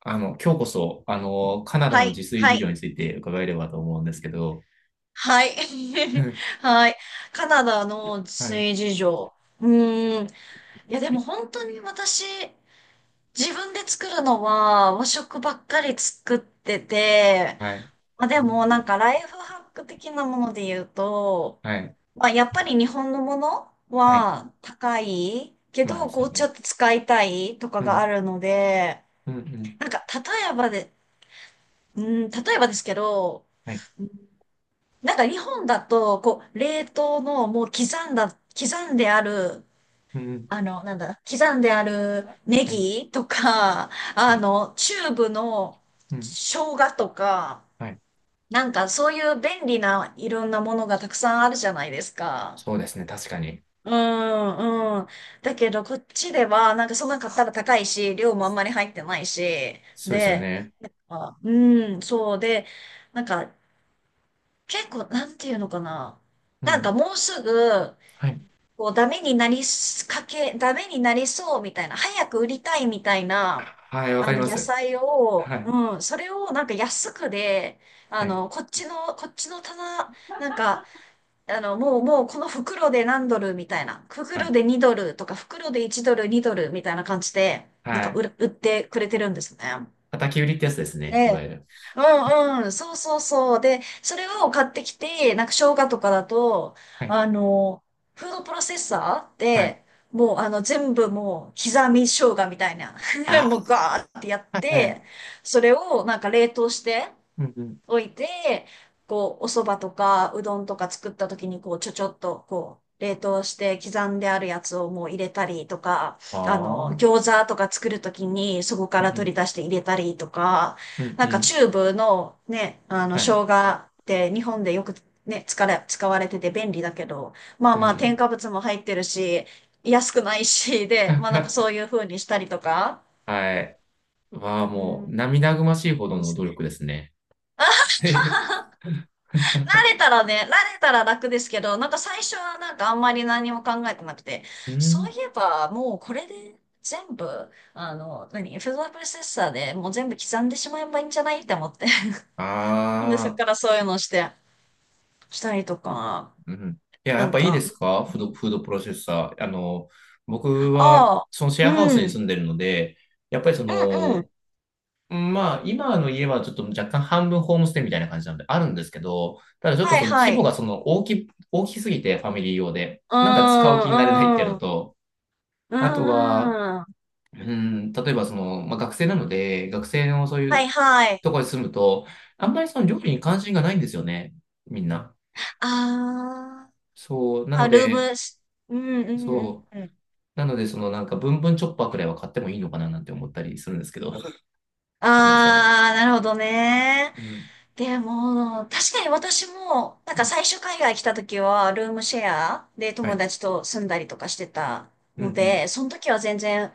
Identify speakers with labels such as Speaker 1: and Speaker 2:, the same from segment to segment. Speaker 1: 今日こそ、カナダ
Speaker 2: は
Speaker 1: の
Speaker 2: い、
Speaker 1: 自炊
Speaker 2: は
Speaker 1: 事情
Speaker 2: い、
Speaker 1: について伺えればと思うんですけど、
Speaker 2: はい。
Speaker 1: う ん。
Speaker 2: はい。カナダの
Speaker 1: はい、
Speaker 2: 水事情。うーん。いや、でも本当に私、自分で作るのは和食ばっかり作ってて、
Speaker 1: はい、
Speaker 2: まあ、でもなんかライフハック的なもので言うと、
Speaker 1: はい、
Speaker 2: まあ、やっぱり日本のもの
Speaker 1: はい。
Speaker 2: は高いけ
Speaker 1: まあで
Speaker 2: ど、
Speaker 1: す
Speaker 2: こうちょ
Speaker 1: ね。
Speaker 2: っと使いたいとか
Speaker 1: う
Speaker 2: があ
Speaker 1: ん、
Speaker 2: るので、
Speaker 1: うん、うん。
Speaker 2: なんか例えばですけど、
Speaker 1: はい、
Speaker 2: なんか日本だと、こう、冷凍のもう刻んである、
Speaker 1: うん。
Speaker 2: あの、なんだ、刻んであるネ
Speaker 1: はい、
Speaker 2: ギとか、
Speaker 1: はい、
Speaker 2: チューブの
Speaker 1: うん、
Speaker 2: 生姜とか、
Speaker 1: はい。
Speaker 2: なんかそういう便利ないろんなものがたくさんあるじゃないですか。
Speaker 1: そうですね、確かに。
Speaker 2: うんうん。だけどこっちでは、なんかそんなの買ったら高いし、量もあんまり入ってないし、
Speaker 1: そうですよ
Speaker 2: で、
Speaker 1: ね。
Speaker 2: うん、そうで、なんか結構、なんていうのかな。
Speaker 1: う
Speaker 2: なんか
Speaker 1: ん、
Speaker 2: もうすぐ、
Speaker 1: はい。
Speaker 2: こう、ダメになりそうみたいな、早く売りたいみたいな、
Speaker 1: はい、わかりま
Speaker 2: 野
Speaker 1: す。
Speaker 2: 菜を、
Speaker 1: はい、
Speaker 2: うん、それをなんか安くで、
Speaker 1: はい、
Speaker 2: こっちの棚、なんか、もうこの袋で何ドルみたいな、
Speaker 1: は
Speaker 2: 袋
Speaker 1: い、
Speaker 2: で2ドルとか、袋で1ドル、2ドルみたいな感じで、なん
Speaker 1: は
Speaker 2: か
Speaker 1: い。
Speaker 2: 売ってくれてるんですね。
Speaker 1: 叩き売りってやつですね、い
Speaker 2: で、
Speaker 1: わゆる。
Speaker 2: うんうん、そうそうそう。で、それを買ってきて、なんか生姜とかだと、
Speaker 1: はい、
Speaker 2: あの、フードプロセッサーっ
Speaker 1: はい。
Speaker 2: て、もう全部刻み生姜みたいな、
Speaker 1: あ
Speaker 2: もうガーってやっ
Speaker 1: あ、はい、
Speaker 2: て、それをなんか冷凍して、
Speaker 1: うん、うん。
Speaker 2: 置いて、こう、お蕎麦とか、うどんとか作った時に、こう、ちょっと、こう、冷凍して刻んであるやつをもう入れたりとか、
Speaker 1: ああ、
Speaker 2: 餃子とか作る時に、そこか
Speaker 1: う
Speaker 2: ら
Speaker 1: ん、う
Speaker 2: 取
Speaker 1: ん、
Speaker 2: り出して入れたりとか、
Speaker 1: うん、
Speaker 2: な
Speaker 1: う
Speaker 2: んか
Speaker 1: ん、
Speaker 2: チューブのね、
Speaker 1: はい、
Speaker 2: 生姜って日本でよくね、使われてて便利だけど、まあ
Speaker 1: う
Speaker 2: まあ、添
Speaker 1: ん。
Speaker 2: 加物も入ってるし、安くないし、で、まあなんかそう いう風にしたりとか、
Speaker 1: はい。は
Speaker 2: う
Speaker 1: も
Speaker 2: ん、あ
Speaker 1: う涙ぐましいほ
Speaker 2: り
Speaker 1: ど
Speaker 2: ま
Speaker 1: の
Speaker 2: す
Speaker 1: 努力
Speaker 2: ね。
Speaker 1: ですね。
Speaker 2: 慣れたらね、慣れたら楽ですけど、なんか最初はなんかあんまり何も考えてなくて、
Speaker 1: う
Speaker 2: そ
Speaker 1: ん。
Speaker 2: ういえばもうこれで全部、フードプロセッサーでもう全部刻んでしまえばいいんじゃないって思って。で、そっ
Speaker 1: ああ、
Speaker 2: からそういうのをしたりとか、
Speaker 1: うん。いや、
Speaker 2: な
Speaker 1: やっ
Speaker 2: ん
Speaker 1: ぱいいで
Speaker 2: か、
Speaker 1: すかフード、フードプロセッサー。僕は、
Speaker 2: ああ、
Speaker 1: そのシェ
Speaker 2: う
Speaker 1: アハウ
Speaker 2: ん、
Speaker 1: ス
Speaker 2: う
Speaker 1: に
Speaker 2: ん、
Speaker 1: 住んでるので、やっぱりそ
Speaker 2: うん、
Speaker 1: の、まあ、今の家はちょっと若干半分ホームステイみたいな感じなんで、あるんですけど、ただちょっと
Speaker 2: は
Speaker 1: そ
Speaker 2: い
Speaker 1: の
Speaker 2: は
Speaker 1: 規模
Speaker 2: い、
Speaker 1: がその大き、大きすぎて、ファミリー用で、
Speaker 2: うー
Speaker 1: なんか使う気になれないって
Speaker 2: ん、
Speaker 1: いう
Speaker 2: う
Speaker 1: の
Speaker 2: ん、う
Speaker 1: と、あと
Speaker 2: ー
Speaker 1: は、
Speaker 2: ん、
Speaker 1: うん、例えばその、まあ、学生なので、学生のそうい
Speaker 2: は
Speaker 1: う
Speaker 2: いはい、
Speaker 1: ところに住むと、あんまりその料理に関心がないんですよね、みんな。
Speaker 2: あー
Speaker 1: そう、な
Speaker 2: あ、
Speaker 1: の
Speaker 2: ルーム、
Speaker 1: で、
Speaker 2: うん、うん、う
Speaker 1: そ
Speaker 2: ん、うん。
Speaker 1: う、なので、そのなんか、ブンブンチョッパーくらいは買ってもいいのかななんて思ったりするんですけど、どうなんですかね。
Speaker 2: ああ、なるほどね。
Speaker 1: うん、
Speaker 2: でも、確かに私も、なん
Speaker 1: う
Speaker 2: か
Speaker 1: ん、
Speaker 2: 最初海外来た時は、ルームシェアで
Speaker 1: は
Speaker 2: 友
Speaker 1: い。
Speaker 2: 達と住んだりとかしてた
Speaker 1: うん、う
Speaker 2: の
Speaker 1: ん、
Speaker 2: で、その時は全然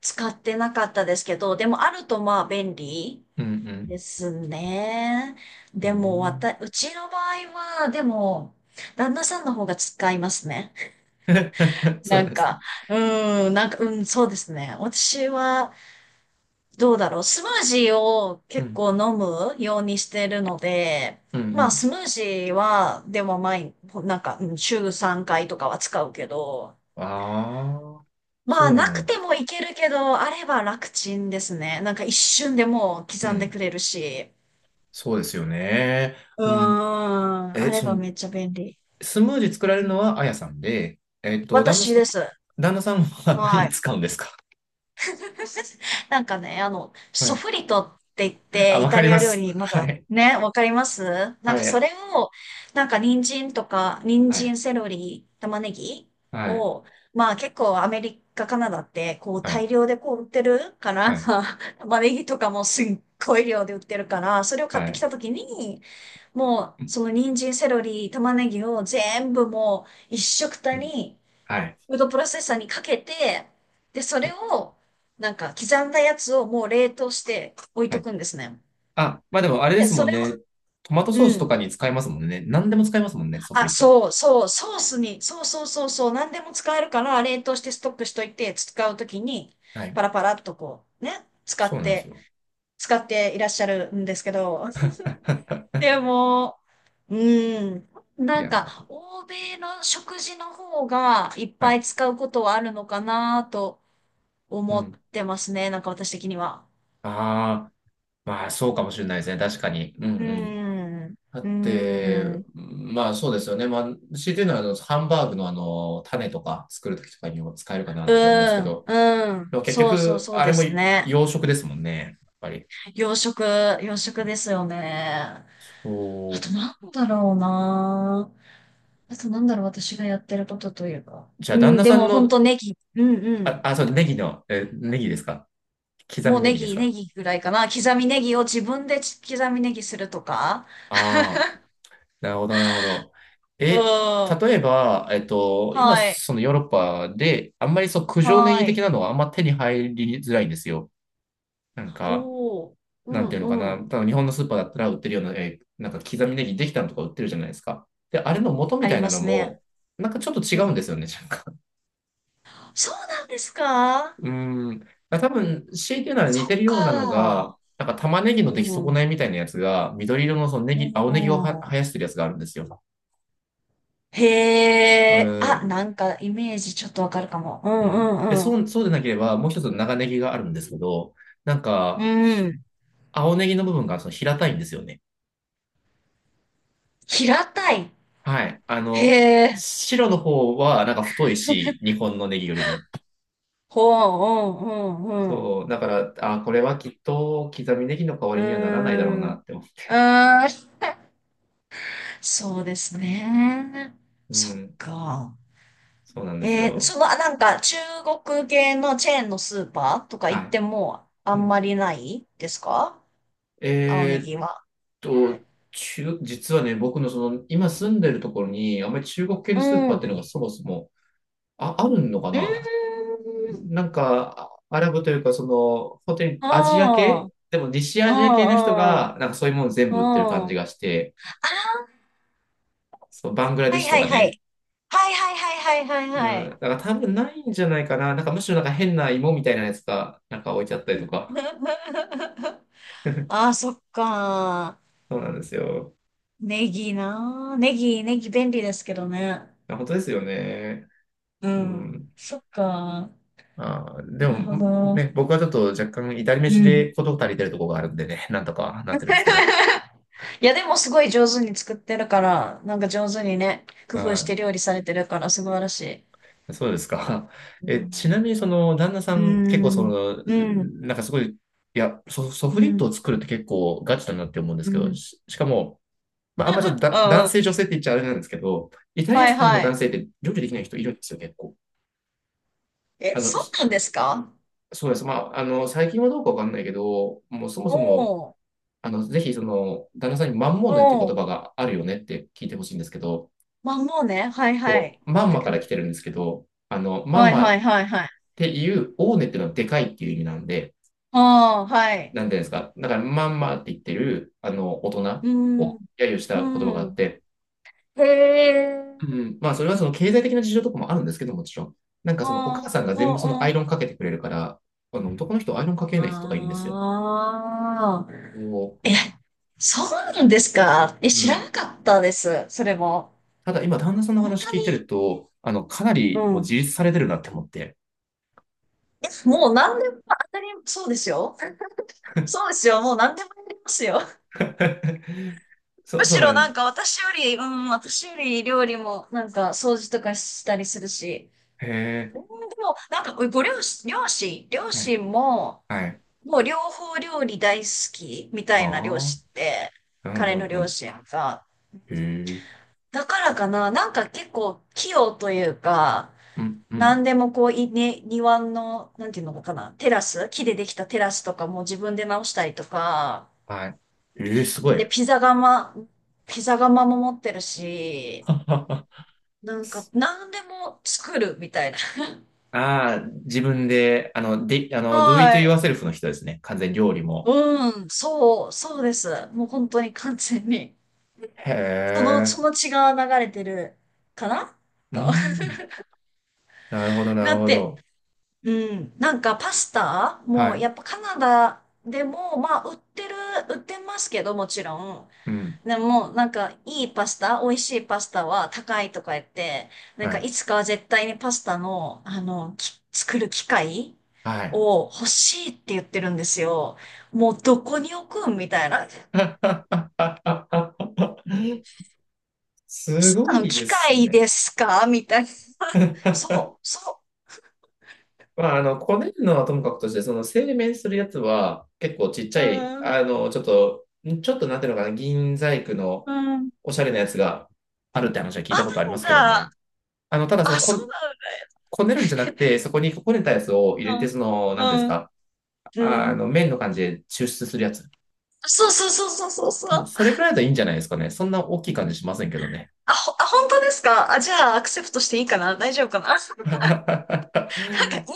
Speaker 2: 使ってなかったですけど、でもあるとまあ便利
Speaker 1: うん、うん。
Speaker 2: ですね。
Speaker 1: う
Speaker 2: でも、
Speaker 1: ん。
Speaker 2: うちの場合は、でも、旦那さんの方が使いますね。
Speaker 1: そ
Speaker 2: な
Speaker 1: う
Speaker 2: ん
Speaker 1: ですね。
Speaker 2: か、うなんか、うん、そうですね。私は、どうだろう。スムージーを
Speaker 1: う
Speaker 2: 結
Speaker 1: ん、
Speaker 2: 構飲むようにしてるので、
Speaker 1: うん、う
Speaker 2: まあ
Speaker 1: ん。
Speaker 2: スムージーは、でも毎、なんか、うん週3回とかは使うけど、
Speaker 1: ああ、そ
Speaker 2: ま
Speaker 1: う
Speaker 2: あな
Speaker 1: な
Speaker 2: く
Speaker 1: んで
Speaker 2: て
Speaker 1: す。
Speaker 2: もいけるけど、あれば楽ちんですね。なんか一瞬でもう
Speaker 1: う
Speaker 2: 刻んでく
Speaker 1: ん、
Speaker 2: れるし。
Speaker 1: そうですよね。
Speaker 2: うー
Speaker 1: うん。
Speaker 2: ん、あ
Speaker 1: え、
Speaker 2: れ
Speaker 1: そ
Speaker 2: ば
Speaker 1: の、
Speaker 2: めっちゃ便利。
Speaker 1: スムージー作られるのはあやさんで、えっと、旦那
Speaker 2: 私
Speaker 1: さ
Speaker 2: で
Speaker 1: ん、
Speaker 2: す。
Speaker 1: 旦那さんは
Speaker 2: は
Speaker 1: 何
Speaker 2: い。
Speaker 1: 使うんですか？
Speaker 2: なんかね、
Speaker 1: は
Speaker 2: ソ
Speaker 1: い。
Speaker 2: フリトって言っ
Speaker 1: あ、
Speaker 2: て、イ
Speaker 1: わか
Speaker 2: タ
Speaker 1: り
Speaker 2: リ
Speaker 1: ま
Speaker 2: ア料
Speaker 1: す。
Speaker 2: 理、ま
Speaker 1: は
Speaker 2: た、
Speaker 1: い。
Speaker 2: ね、わかります？なんか
Speaker 1: は
Speaker 2: そ
Speaker 1: い。
Speaker 2: れを、なんか人
Speaker 1: はい。
Speaker 2: 参、セロリ、玉ねぎ
Speaker 1: はい。
Speaker 2: を、まあ結構アメリカ、カナダって、こう
Speaker 1: はい。
Speaker 2: 大量でこう売ってるから、
Speaker 1: はい。
Speaker 2: 玉ねぎとかもすっごい量で売ってるから、それを買っ
Speaker 1: は
Speaker 2: てき
Speaker 1: い。
Speaker 2: たときに、もう、
Speaker 1: うん、
Speaker 2: その人参、セロリ、玉ねぎを全部もう一食たに
Speaker 1: はい。
Speaker 2: フードプロセッサーにかけて、で、それを、なんか、刻んだやつをもう冷凍して置い
Speaker 1: は
Speaker 2: と
Speaker 1: い。
Speaker 2: くんですね。
Speaker 1: あ、まあでもあれで
Speaker 2: で、
Speaker 1: す
Speaker 2: そ
Speaker 1: もん
Speaker 2: れを、
Speaker 1: ね。トマトソ
Speaker 2: う
Speaker 1: ースとか
Speaker 2: ん。
Speaker 1: に使えますもんね。何でも使えますもんね、ソフ
Speaker 2: あ、
Speaker 1: リット。
Speaker 2: そうそう、ソースに、そうそうそうそう、何でも使えるから、冷凍してストックしといて、使うときに、
Speaker 1: はい。
Speaker 2: パラパラっとこう、ね、
Speaker 1: そうなんですよ。
Speaker 2: 使っていらっしゃるんですけど、で も、うん、
Speaker 1: い
Speaker 2: なん
Speaker 1: や
Speaker 2: か、欧米の食事の方がいっ
Speaker 1: ー、は
Speaker 2: ぱい
Speaker 1: い。
Speaker 2: 使うことはあるのかなと
Speaker 1: う
Speaker 2: 思っ
Speaker 1: ん。
Speaker 2: てますね。なんか私的には。
Speaker 1: ああ、まあそうかもしれないですね。確かに。う
Speaker 2: うー
Speaker 1: ん、うん。
Speaker 2: ん。う
Speaker 1: だ
Speaker 2: ー
Speaker 1: って、
Speaker 2: ん。う
Speaker 1: まあそうですよね。まあ、強いて言うのは、ハンバーグの種とか作るときとかにも使えるかななんて思うんです
Speaker 2: ー
Speaker 1: け
Speaker 2: ん。
Speaker 1: ど、
Speaker 2: うー
Speaker 1: で
Speaker 2: ん。
Speaker 1: も結
Speaker 2: そうそう
Speaker 1: 局、
Speaker 2: そう
Speaker 1: あれ
Speaker 2: で
Speaker 1: も
Speaker 2: すね。
Speaker 1: 洋食ですもんね。やっぱり。
Speaker 2: 洋食、洋食ですよね。あ
Speaker 1: そ
Speaker 2: と
Speaker 1: う。
Speaker 2: なんだろうな。あとなんだろう、私がやってることというか。
Speaker 1: じゃ
Speaker 2: う
Speaker 1: あ、旦
Speaker 2: ん、
Speaker 1: 那
Speaker 2: で
Speaker 1: さん
Speaker 2: も本
Speaker 1: の、
Speaker 2: 当ネギ。うんう
Speaker 1: あ、
Speaker 2: ん。
Speaker 1: あ、そう、ネギの、え、ネギですか？刻
Speaker 2: も
Speaker 1: み
Speaker 2: う
Speaker 1: ネ
Speaker 2: ネ
Speaker 1: ギです
Speaker 2: ギ、ネ
Speaker 1: か？
Speaker 2: ギぐらいかな。刻みネギを自分で刻みネギするとか。
Speaker 1: ああー、なるほど、なるほど。え、
Speaker 2: うん。
Speaker 1: 例えば、えっと、今、
Speaker 2: はい。
Speaker 1: そのヨーロッパで、あんまりそう、九条ネ
Speaker 2: は
Speaker 1: ギ的
Speaker 2: い。
Speaker 1: なのはあんま手に入りづらいんですよ。なんか、
Speaker 2: おー。う
Speaker 1: な
Speaker 2: ん
Speaker 1: んていうのか
Speaker 2: う
Speaker 1: な、
Speaker 2: ん。
Speaker 1: 多分日本のスーパーだったら売ってるような、なんか刻みネギできたのとか売ってるじゃないですか。で、あれの元み
Speaker 2: あ
Speaker 1: た
Speaker 2: り
Speaker 1: い
Speaker 2: ま
Speaker 1: なの
Speaker 2: すね。
Speaker 1: も、なんかちょっと違
Speaker 2: う
Speaker 1: うん
Speaker 2: ん。
Speaker 1: ですよね、なんか。
Speaker 2: そうなんですか？
Speaker 1: うーん。だから多分、強いて言うなら似
Speaker 2: そっ
Speaker 1: てるようなの
Speaker 2: か。
Speaker 1: が、なんか玉ねぎ
Speaker 2: う
Speaker 1: の出来損ない
Speaker 2: ん。
Speaker 1: みたいなやつが、緑色のそのネ
Speaker 2: う
Speaker 1: ギ、青ネギをは
Speaker 2: ん。
Speaker 1: 生やしてるやつがあるんですよ。う
Speaker 2: へえ。
Speaker 1: ー
Speaker 2: あ、
Speaker 1: ん。
Speaker 2: なんかイメージちょっとわかるかも。う
Speaker 1: うん。で、
Speaker 2: んう
Speaker 1: そ
Speaker 2: ん
Speaker 1: う、そうでなければ、もう一つの長ネギがあるんですけど、なん
Speaker 2: う
Speaker 1: か、
Speaker 2: ん。うん。
Speaker 1: 青ネギの部分がその平たいんですよね。
Speaker 2: 平たい。
Speaker 1: はい。
Speaker 2: へえ。
Speaker 1: 白の方はなんか太いし、日本のネギよりも。
Speaker 2: ほう、うんうん
Speaker 1: そう、だから、あ、これはきっと刻みネギの代わ
Speaker 2: う
Speaker 1: りにはならないだろう
Speaker 2: ん。うーん。
Speaker 1: な
Speaker 2: う
Speaker 1: って思
Speaker 2: ーん。そうですね。
Speaker 1: う。う
Speaker 2: そっ
Speaker 1: ん、
Speaker 2: か。
Speaker 1: そうなんですよ。
Speaker 2: なんか中国系のチェーンのスーパーとか行っ
Speaker 1: は
Speaker 2: てもあ
Speaker 1: い。う
Speaker 2: ん
Speaker 1: ん、
Speaker 2: まりないですか？青ネ
Speaker 1: えーっ
Speaker 2: ギは。
Speaker 1: と、中、実はね、僕のその、今住んでるところに、あんまり中国系の
Speaker 2: う
Speaker 1: スーパー
Speaker 2: ん。
Speaker 1: っていうのがそもそも、あ、あるのか
Speaker 2: う
Speaker 1: な？
Speaker 2: ーん。
Speaker 1: なんか、アラブというか、その、本当に
Speaker 2: あ
Speaker 1: アジア
Speaker 2: あ、
Speaker 1: 系でも西
Speaker 2: あ
Speaker 1: アジア系の人
Speaker 2: あ、
Speaker 1: が、
Speaker 2: あ
Speaker 1: なんかそういうもの全
Speaker 2: あ、
Speaker 1: 部売ってる感
Speaker 2: あ
Speaker 1: じ
Speaker 2: あ。
Speaker 1: がして、そう、バングラディ
Speaker 2: は
Speaker 1: ッ
Speaker 2: い
Speaker 1: シュと
Speaker 2: はい
Speaker 1: か
Speaker 2: は
Speaker 1: ね、
Speaker 2: い。はいはいはいはいは
Speaker 1: う
Speaker 2: いは
Speaker 1: ん。
Speaker 2: い。
Speaker 1: だから多分ないんじゃないかな。なんかむしろなんか変な芋みたいなやつがなんか置いちゃったりとか。
Speaker 2: ああ、そっか。
Speaker 1: そうなんですよ。
Speaker 2: ネギな。ネギ便利ですけどね。
Speaker 1: あ本当ですよね。
Speaker 2: う
Speaker 1: う
Speaker 2: ん。
Speaker 1: ん。
Speaker 2: そっか。
Speaker 1: あー、で
Speaker 2: なるほ
Speaker 1: も
Speaker 2: ど。
Speaker 1: ね、僕はちょっと若干至り
Speaker 2: う
Speaker 1: 飯
Speaker 2: ん。
Speaker 1: で事足りてるところがあるんでね、なんとかなってるんですけど。
Speaker 2: いや、でもすごい上手に作ってるから、なんか上手にね、工夫し
Speaker 1: は
Speaker 2: て料理されてるから、素晴らしい。
Speaker 1: い。そうですか。
Speaker 2: う
Speaker 1: え、
Speaker 2: ん。
Speaker 1: ちなみにその旦那さ
Speaker 2: う
Speaker 1: ん結構そ
Speaker 2: ん。
Speaker 1: の、
Speaker 2: うん。
Speaker 1: なんかすごい、いや、ソ、ソ
Speaker 2: う
Speaker 1: フリットを
Speaker 2: ん
Speaker 1: 作るって結構ガチだなって思うんで
Speaker 2: う
Speaker 1: すけ
Speaker 2: ん。う
Speaker 1: ど、
Speaker 2: ん
Speaker 1: し、しかも、まあ、あんまちょっとだ
Speaker 2: う
Speaker 1: 男
Speaker 2: ん。
Speaker 1: 性、女性って言っちゃあれなんですけど、イタリア
Speaker 2: はい
Speaker 1: 人の
Speaker 2: はい。
Speaker 1: 男性って料理できない人いるんですよ、結構。
Speaker 2: え、そう
Speaker 1: し
Speaker 2: なんですか？
Speaker 1: そうです。まあ、最近はどうかわかんないけど、もうそもそも、
Speaker 2: おー、
Speaker 1: ぜひその、旦那さんにマンモーネっていう
Speaker 2: おー。
Speaker 1: 言葉があるよねって聞いてほしいんですけど、
Speaker 2: まあもうね、はいは
Speaker 1: こ
Speaker 2: い。
Speaker 1: う、マ
Speaker 2: 聞い
Speaker 1: ン
Speaker 2: て
Speaker 1: マ
Speaker 2: く
Speaker 1: から
Speaker 2: る。
Speaker 1: 来てるんですけど、マン
Speaker 2: はい
Speaker 1: マ
Speaker 2: は
Speaker 1: っ
Speaker 2: いはいはい。
Speaker 1: ていう、オーネっていうのはでかいっていう意味なんで、
Speaker 2: ああ、はい。
Speaker 1: なんていうんですか。だから、マンマって言ってる、大人
Speaker 2: うん、
Speaker 1: を揶揄した言葉があ
Speaker 2: う
Speaker 1: っ
Speaker 2: ん。
Speaker 1: て、
Speaker 2: へえ。
Speaker 1: うん、まあ、それはその経済的な事情とかもあるんですけど、もちろん。なんかそのお母
Speaker 2: ああ、
Speaker 1: さんが全
Speaker 2: お
Speaker 1: 部その
Speaker 2: う
Speaker 1: ア
Speaker 2: お
Speaker 1: イ
Speaker 2: う
Speaker 1: ロンかけてくれるから、あの男の人アイロンかけない人とかいるんですよ。
Speaker 2: ああ。
Speaker 1: お
Speaker 2: え、そうなんですか？え、
Speaker 1: う
Speaker 2: 知ら
Speaker 1: ん、
Speaker 2: なかったです。それも。
Speaker 1: ただ今、旦那さんの
Speaker 2: 本
Speaker 1: 話
Speaker 2: 当
Speaker 1: 聞いてる
Speaker 2: に。
Speaker 1: と、かな
Speaker 2: う
Speaker 1: りもう自
Speaker 2: ん。
Speaker 1: 立されてるなって思って。
Speaker 2: え、もう何でも当たり、そうですよ。そうですよ。もう何でもやりますよ。
Speaker 1: そ、
Speaker 2: む
Speaker 1: そ
Speaker 2: し
Speaker 1: うな
Speaker 2: ろな
Speaker 1: ん
Speaker 2: ん
Speaker 1: です。
Speaker 2: か私より料理もなんか掃除とかしたりするし。
Speaker 1: へえ、
Speaker 2: うんでも、なんかご両親、両親、両
Speaker 1: はい、
Speaker 2: 親も、
Speaker 1: はい。
Speaker 2: もう両方料理大好きみた
Speaker 1: あ
Speaker 2: いな両
Speaker 1: あ、
Speaker 2: 親って、
Speaker 1: うん、
Speaker 2: 彼
Speaker 1: うん、
Speaker 2: の
Speaker 1: う
Speaker 2: 両
Speaker 1: ん。
Speaker 2: 親が。
Speaker 1: へえ、
Speaker 2: だからかな、なんか結構器用というか、
Speaker 1: うん、うん。
Speaker 2: 何でもこう、庭の、なんていうのかな、テラス、木でできたテラスとかも自分で直したりとか、
Speaker 1: はい。ええ、すご
Speaker 2: で、
Speaker 1: い。
Speaker 2: ピザ窯も持ってるし、
Speaker 1: あ
Speaker 2: なんか、何でも作るみたいな。
Speaker 1: あ、自分で、で、do it yourself の人ですね。完全に料理も。
Speaker 2: うん。そうです。もう本当に完全に。
Speaker 1: へ
Speaker 2: その、
Speaker 1: え。
Speaker 2: その血が流れてるかな
Speaker 1: う
Speaker 2: と。
Speaker 1: ん。なるほど、な
Speaker 2: だ
Speaker 1: る
Speaker 2: っ
Speaker 1: ほ
Speaker 2: て、
Speaker 1: ど。
Speaker 2: うん、なんかパスタ
Speaker 1: は
Speaker 2: も
Speaker 1: い。
Speaker 2: やっぱカナダでも、まあ売ってますけどもちろん。
Speaker 1: うん。
Speaker 2: でも、なんか、いいパスタ、美味しいパスタは高いとか言って、なん
Speaker 1: は
Speaker 2: か、
Speaker 1: い。
Speaker 2: いつかは絶対にパスタの、あの、作る機械
Speaker 1: はい。
Speaker 2: を欲しいって言ってるんですよ。もう、どこに置くんみたいな。
Speaker 1: すごいで
Speaker 2: 機
Speaker 1: す
Speaker 2: 械
Speaker 1: ね。
Speaker 2: ですかみたいな。そう、そ
Speaker 1: まあ、こねるのはともかくとして、その製麺するやつは結構ちっち
Speaker 2: う。
Speaker 1: ゃい、
Speaker 2: うん、
Speaker 1: ちょっと、ちょっとなんていうのかな、銀細工の
Speaker 2: うん。
Speaker 1: おしゃれなやつがあるって話は聞
Speaker 2: あ、
Speaker 1: い
Speaker 2: な
Speaker 1: た
Speaker 2: ん
Speaker 1: ことありますけど
Speaker 2: だ。
Speaker 1: ね。ただその
Speaker 2: あ、そう
Speaker 1: こ、
Speaker 2: な
Speaker 1: こねるんじゃなくて、そこにこねたやつを
Speaker 2: ん
Speaker 1: 入れて、その、な
Speaker 2: だ。
Speaker 1: んていうんで
Speaker 2: うん、
Speaker 1: す
Speaker 2: うん。
Speaker 1: か、
Speaker 2: う
Speaker 1: ああの、
Speaker 2: ん
Speaker 1: 麺の感じで抽出するやつ。
Speaker 2: そうそうそうそうそう
Speaker 1: う
Speaker 2: そ
Speaker 1: ん
Speaker 2: う。
Speaker 1: それくらいだといいんじゃないですかね。そんな大きい感じしませんけどね。
Speaker 2: 本当ですか？あ、じゃあ、アクセプトしていいかな？大丈夫かな？ なんか、いる、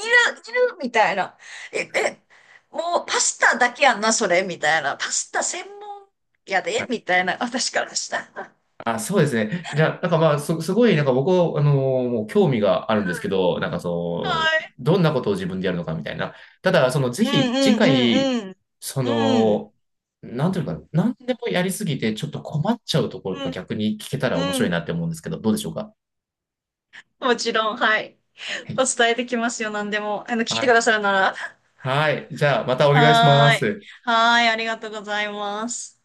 Speaker 2: いるみたいな。え、え、もうパスタだけやんな、それ、みたいな。パスタ専門やで、みたいな、私からしたら。
Speaker 1: あ、そうですね。じゃあ、なんかまあ、す、すごい、なんか僕は、もう興味があるんですけど、なんか
Speaker 2: は
Speaker 1: そ
Speaker 2: い。
Speaker 1: の、どんなことを自分でやるのかみたいな。ただ、その、ぜ
Speaker 2: うん
Speaker 1: ひ、次
Speaker 2: うん
Speaker 1: 回、
Speaker 2: うんうん。
Speaker 1: そ
Speaker 2: うん。
Speaker 1: の、なんていうのかな、なんでもやりすぎて、ちょっと困っちゃうところ
Speaker 2: う
Speaker 1: とか
Speaker 2: ん
Speaker 1: 逆に聞けたら面
Speaker 2: う
Speaker 1: 白いな
Speaker 2: ん。
Speaker 1: って思うんですけど、どうでしょうか。
Speaker 2: もちろん、はい。
Speaker 1: は
Speaker 2: お
Speaker 1: い。
Speaker 2: 伝えできますよ、何でも。聞い
Speaker 1: は
Speaker 2: てく
Speaker 1: い。
Speaker 2: ださるなら。
Speaker 1: はい。じゃあ、またお願いしま
Speaker 2: はーい。
Speaker 1: す。
Speaker 2: はーい、ありがとうございます。